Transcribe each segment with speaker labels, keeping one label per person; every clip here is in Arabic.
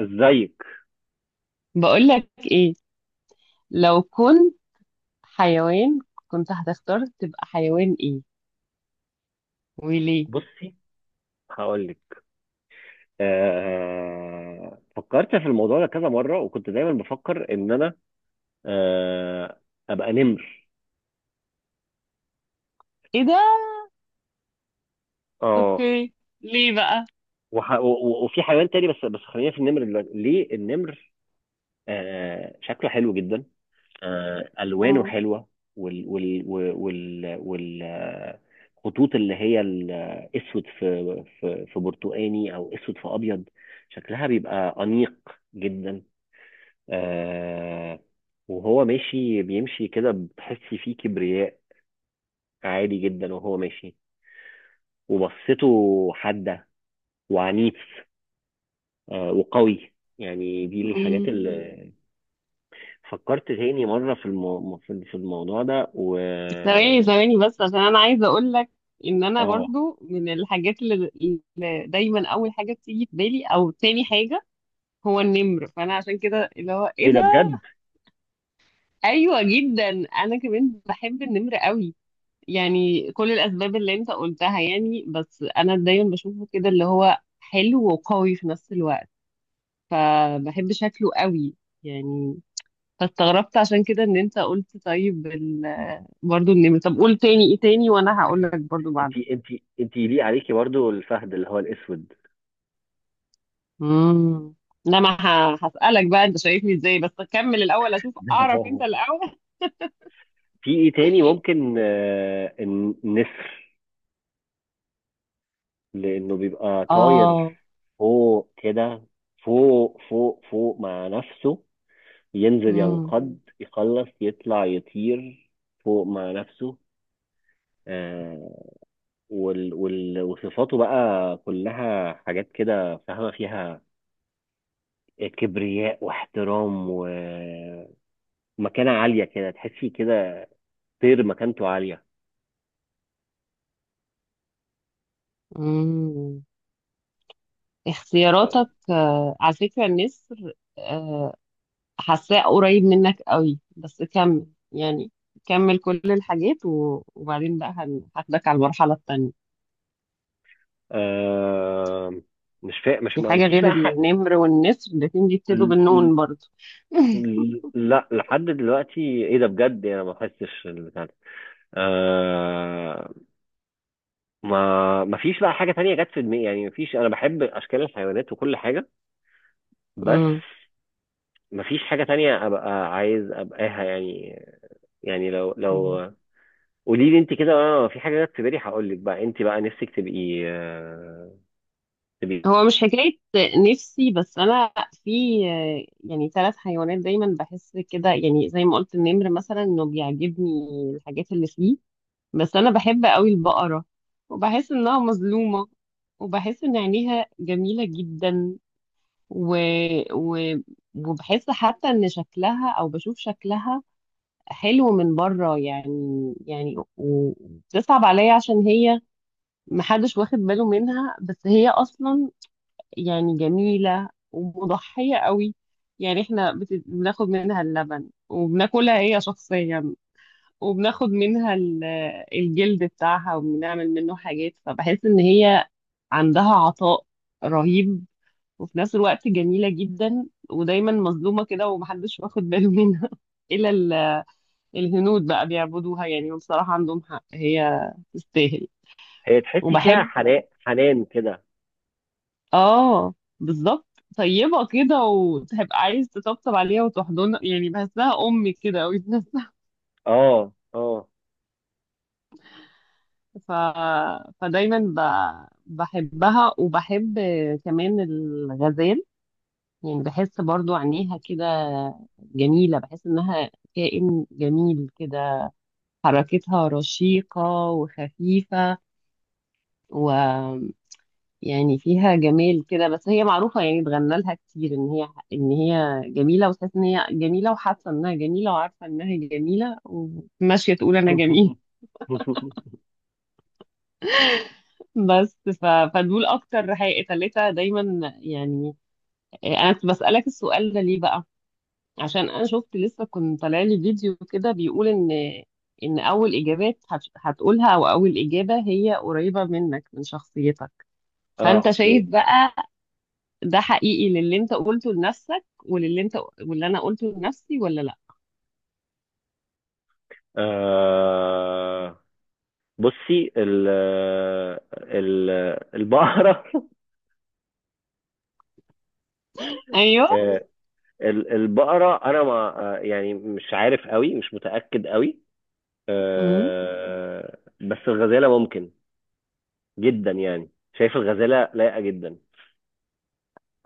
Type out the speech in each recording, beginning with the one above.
Speaker 1: ازيك؟
Speaker 2: بقولك ايه؟ لو كنت حيوان كنت هتختار تبقى حيوان ايه وليه؟
Speaker 1: بصي، هقول لك. فكرت في الموضوع ده كذا مره وكنت دايما بفكر ان انا آه... ابقى نمر.
Speaker 2: ايه ده؟
Speaker 1: اه،
Speaker 2: اوكي، ليه بقى؟
Speaker 1: وفي حيوان تاني بس، خلينا في النمر دلوقتي. ليه النمر؟ شكله حلو جدا. الوانه
Speaker 2: مم.
Speaker 1: حلوه، وال وال وال وال, وال... آه، خطوط اللي هي الاسود في برتقاني او اسود في ابيض. شكلها بيبقى انيق جدا. آه، وهو ماشي بيمشي كده بتحس فيه كبرياء عالي جدا وهو ماشي. وبصته حادة وعنيف، آه، وقوي. يعني دي الحاجات
Speaker 2: مم.
Speaker 1: اللي فكرت تاني مرة في الموضوع ده. و
Speaker 2: ثواني ثواني بس عشان انا عايزه اقولك ان انا
Speaker 1: اه،
Speaker 2: برضو من الحاجات اللي دايما اول حاجه بتيجي في بالي او تاني حاجه هو النمر، فانا عشان كده اللي هو ايه
Speaker 1: ايه ده
Speaker 2: ده.
Speaker 1: بجد؟
Speaker 2: ايوه جدا، انا كمان بحب النمر قوي. يعني كل الأسباب اللي أنت قلتها يعني، بس أنا دايما بشوفه كده اللي هو حلو وقوي في نفس الوقت، فبحب شكله قوي يعني. فاستغربت عشان كده إن أنت برضو النمر. طب قول تاني إيه تاني وأنا هقول لك برضو
Speaker 1: انت
Speaker 2: بعدها.
Speaker 1: انت انت يليق عليكي برضو الفهد اللي هو الاسود.
Speaker 2: امم، لا، ما ه- هسألك بقى أنت شايفني إزاي، بس أكمل الأول أشوف أعرف أنت الأول.
Speaker 1: في ايه تاني ممكن؟ آه، النسر، لانه بيبقى
Speaker 2: آه.
Speaker 1: طاير فوق كده، فوق مع نفسه، ينزل
Speaker 2: امم.
Speaker 1: ينقض يخلص يطلع يطير فوق مع نفسه. آه، وال وال وصفاته بقى كلها حاجات كده فاهمة فيها، كبرياء واحترام ومكانة عالية كده، تحسي كده طير مكانته عالية.
Speaker 2: امم، اختياراتك آه، على فكرة النسر حاساه قريب منك قوي، بس كمل يعني، كمل كل الحاجات وبعدين بقى هاخدك على المرحلة التانية.
Speaker 1: آه، مش فا... مش
Speaker 2: في
Speaker 1: ما
Speaker 2: حاجة
Speaker 1: فيش
Speaker 2: غير
Speaker 1: بقى حق.
Speaker 2: النمر والنسر؟ الاتنين بيبتدوا
Speaker 1: ل-
Speaker 2: بالنون برضو.
Speaker 1: لا، لحد دلوقتي. ايه ده بجد؟ انا ما بحسش، آه، ما فيش بقى حاجة تانية جت في دماغي. يعني ما فيش، أنا بحب أشكال الحيوانات وكل حاجة، بس
Speaker 2: مم.
Speaker 1: ما فيش حاجة تانية أبقى عايز أبقاها. يعني يعني لو
Speaker 2: مم.
Speaker 1: قولي لي أنت كده، أنا في حاجة جت في بالي هقول لك. بقى أنت بقى نفسك تبقي آه؟
Speaker 2: هو مش حكاية نفسي، بس أنا في آه، يعني ثلاث حيوانات دايما بحس كده، يعني زي ما قلت النمر مثلا إنه بيعجبني الحاجات اللي فيه، بس أنا بحب قوي البقرة وبحس إنها مظلومة، وبحس إن عينيها جميلة جدا و... و... وبحس حتى ان شكلها او بشوف شكلها حلو من بره يعني. يعني وبتصعب عليا عشان هي محدش واخد باله منها، بس هي اصلا يعني جميلة ومضحية قوي. يعني احنا بناخد منها اللبن وبناكلها هي شخصيا، وبناخد منها الجلد بتاعها وبنعمل منه حاجات، فبحس ان هي عندها عطاء رهيب وفي نفس الوقت جميلة جدا، ودايما مظلومة كده ومحدش واخد باله منها إلا الهنود بقى بيعبدوها يعني، وبصراحة عندهم حق، هي تستاهل.
Speaker 1: هي تحسي فيها
Speaker 2: وبحب،
Speaker 1: حنان، حنان كده.
Speaker 2: اه، بالظبط، طيبة كده وتبقى عايز تطبطب عليها وتحضنها، يعني بحسها أمي كده أوي في نفسها.
Speaker 1: أه، أه.
Speaker 2: ف... فدايما بحبها، وبحب كمان الغزال. يعني بحس برضو عينيها كده جميلة، بحس إنها كائن جميل كده، حركتها رشيقة وخفيفة، ويعني فيها جمال كده، بس هي معروفة يعني، اتغنى لها كتير ان هي جميلة، وتحس ان هي جميلة، وحاسة انها جميلة، وعارفة انها جميلة، وماشية تقول انا جميل. بس فدول اكتر حقيقة، تلاتة دايما يعني. انا كنت بسألك السؤال ده ليه بقى؟ عشان انا شفت لسه كنت طالع لي فيديو كده بيقول ان ان هتقولها او اول اجابة هي قريبة منك من شخصيتك.
Speaker 1: اه،
Speaker 2: فانت شايف
Speaker 1: اوكي.
Speaker 2: بقى ده حقيقي للي انت قلته لنفسك وللي انت، واللي انا قلته لنفسي، ولا لا؟
Speaker 1: آه، بصي ال ال البقرة.
Speaker 2: ايوه.
Speaker 1: البقرة أنا ما، يعني مش عارف قوي، مش متأكد قوي،
Speaker 2: امم،
Speaker 1: آه، بس الغزالة ممكن جدا يعني. شايف الغزالة لايقة جدا.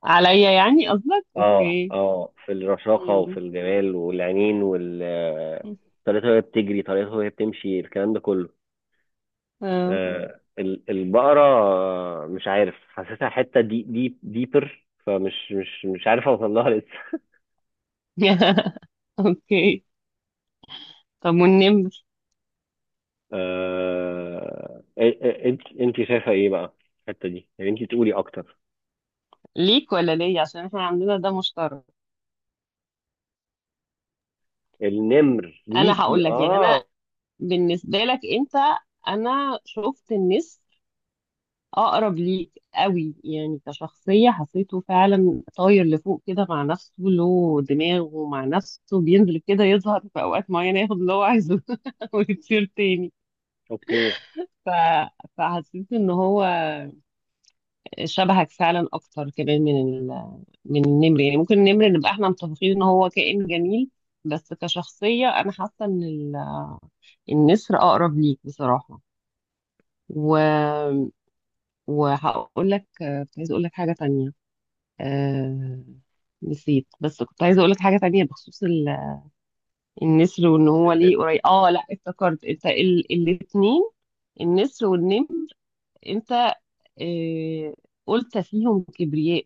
Speaker 2: عليا يعني قصدك،
Speaker 1: اه
Speaker 2: اوكي.
Speaker 1: اه، في الرشاقة وفي
Speaker 2: امم.
Speaker 1: الجمال والعينين وال آه، طريقتها وهي بتجري، طريقتها وهي بتمشي، الكلام ده كله.
Speaker 2: آه.
Speaker 1: آه، البقرة، آه، مش عارف، حاسسها حتة دي دي ديبر، فمش مش مش عارف اوصل لها لسه.
Speaker 2: اوكي، طب والنمر؟
Speaker 1: آه... انت، انت شايفه ايه بقى الحته دي؟ يعني انت تقولي اكتر.
Speaker 2: ليك ولا ليا؟ عشان احنا عندنا ده مشترك.
Speaker 1: النمر
Speaker 2: انا
Speaker 1: ليكي
Speaker 2: هقول لك، يعني
Speaker 1: اه؟
Speaker 2: انا بالنسبه لك انت، انا شفت النسر اقرب ليك قوي، يعني كشخصيه حسيته فعلا طاير لفوق كده مع نفسه، له دماغه مع نفسه، بينزل كده يظهر في اوقات معينه ياخد اللي هو عايزه ويطير تاني.
Speaker 1: اوكي.
Speaker 2: ف... فحسيت ان هو شبهك فعلا اكتر كمان من النمر، يعني ممكن النمر نبقى احنا متفقين ان هو كائن جميل، بس كشخصيه انا حاسه النسر اقرب ليك بصراحه. و... وهقول لك، كنت عايزه اقول لك حاجه تانية آه، نسيت، بس كنت عايزه اقول لك حاجه تانية بخصوص النسر وان هو
Speaker 1: النت.
Speaker 2: ليه قريب. اه لا، افتكرت، انت الاتنين النسر والنمر، انت آه، قلت فيهم كبرياء.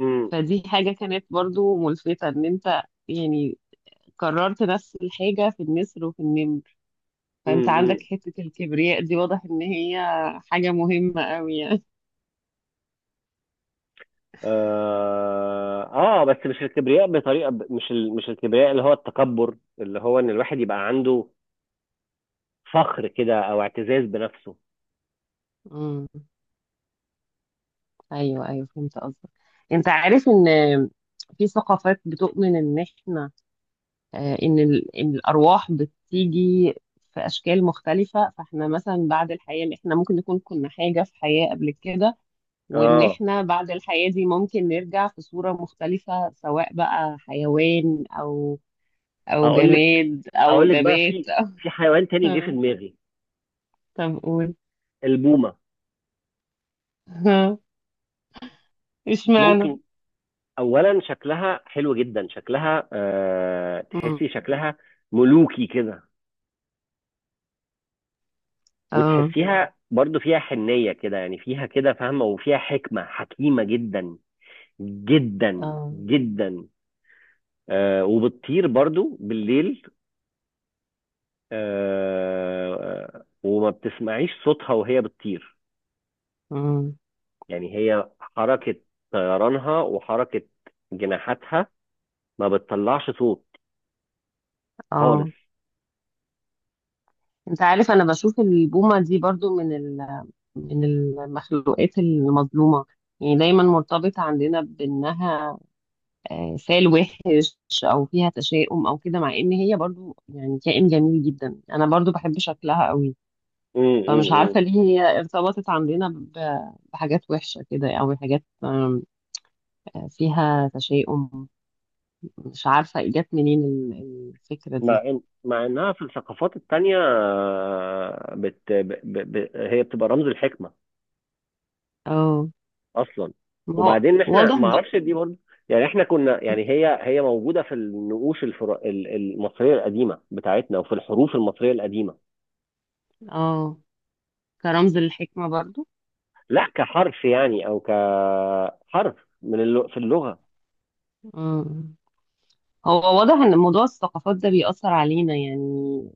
Speaker 1: امم،
Speaker 2: فدي حاجه كانت برضو ملفتة ان انت يعني كررت نفس الحاجه في النسر وفي النمر، فانت عندك
Speaker 1: امم.
Speaker 2: حته الكبرياء دي، واضح ان هي حاجه مهمه قوي يعني.
Speaker 1: آه، اه، بس مش الكبرياء بطريقه ب... مش ال... مش الكبرياء اللي هو التكبر، اللي هو ان الواحد يبقى عنده فخر كده او اعتزاز بنفسه.
Speaker 2: مم. ايوه ايوه، فهمت قصدك. انت عارف ان في ثقافات بتؤمن ان احنا آه، إن الارواح بتيجي في اشكال مختلفه، فاحنا مثلا بعد الحياه، إن احنا ممكن نكون كنا حاجه في حياه قبل كده، وان
Speaker 1: اه،
Speaker 2: احنا بعد الحياه دي ممكن نرجع في صوره مختلفه، سواء بقى حيوان او او
Speaker 1: اقول لك
Speaker 2: جماد او
Speaker 1: اقول لك بقى،
Speaker 2: نبات.
Speaker 1: في في حيوان تاني جه في
Speaker 2: أو...
Speaker 1: دماغي:
Speaker 2: طب قول.
Speaker 1: البومه.
Speaker 2: اشمعنى؟
Speaker 1: ممكن، اولا شكلها حلو جدا، شكلها آه،
Speaker 2: مم.
Speaker 1: تحسي شكلها ملوكي كده.
Speaker 2: اه
Speaker 1: وتحسيها برضو فيها حنية كده، يعني فيها كده فاهمة، وفيها حكمة، حكيمة جدا جدا
Speaker 2: اه.
Speaker 1: جدا. آه، وبتطير برضو بالليل. آه، آه، وما بتسمعيش صوتها وهي بتطير.
Speaker 2: مم.
Speaker 1: يعني هي حركة طيرانها وحركة جناحاتها ما بتطلعش صوت خالص.
Speaker 2: اه، انت عارف انا بشوف البومة دي برضو من المخلوقات المظلومة، يعني دايما مرتبط عندنا بانها آه، فال وحش او فيها تشاؤم او كده، مع ان هي برضو يعني كائن جميل جدا، انا برضو بحب شكلها قوي. فمش عارفة ليه هي ارتبطت عندنا بحاجات وحشة كده او حاجات آم، آه، فيها تشاؤم. مش عارفة جت منين الفكرة
Speaker 1: مع
Speaker 2: دي.
Speaker 1: إن، مع إنها في الثقافات التانية، آه، بت... ب... ب... ب... هي بتبقى رمز الحكمة
Speaker 2: اه،
Speaker 1: أصلا.
Speaker 2: ما هو
Speaker 1: وبعدين إحنا،
Speaker 2: واضح
Speaker 1: ما أعرفش دي برضه، يعني إحنا كنا، يعني هي موجودة في النقوش المصرية القديمة بتاعتنا وفي الحروف المصرية القديمة.
Speaker 2: اه، كرمز للحكمة برضو.
Speaker 1: لا كحرف، يعني أو كحرف في اللغة.
Speaker 2: مم. هو واضح ان موضوع الثقافات ده بيأثر علينا يعني،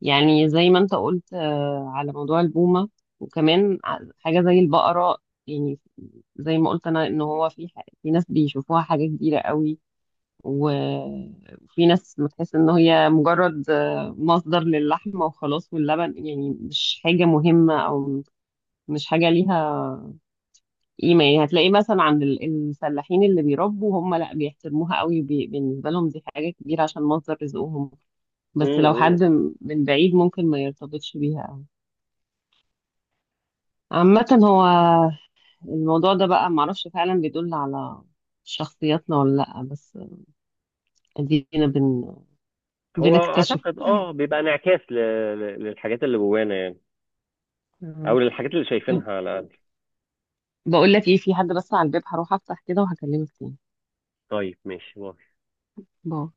Speaker 2: يعني زي ما انت قلت آه، على موضوع البومة، وكمان حاجة زي البقرة، يعني زي ما قلت انا ان هو في ناس بيشوفوها حاجة كبيرة قوي، و- وفي ناس بتحس ان هي مجرد آه، مصدر للحمة وخلاص واللبن، يعني مش حاجة مهمة، او مش حاجة ليها ايمان، هتلاقيه مثلا عند الفلاحين اللي بيربوا هم لا بيحترموها قوي، بالنسبه لهم دي حاجه كبيره عشان مصدر رزقهم، بس لو
Speaker 1: امم،
Speaker 2: حد من بعيد ممكن ما يرتبطش بيها قوي. عامه هو الموضوع ده بقى معرفش فعلا بيدل على شخصياتنا ولا لا، بس ادينا بن...
Speaker 1: هو
Speaker 2: بنكتشف.
Speaker 1: أعتقد أه بيبقى انعكاس للحاجات اللي جوانا، يعني،
Speaker 2: آه.
Speaker 1: أو للحاجات اللي
Speaker 2: طب
Speaker 1: شايفينها على الأقل.
Speaker 2: بقول لك ايه، في حد بس على الباب، هروح افتح كده وهكلمك تاني.
Speaker 1: طيب، ماشي.
Speaker 2: باي.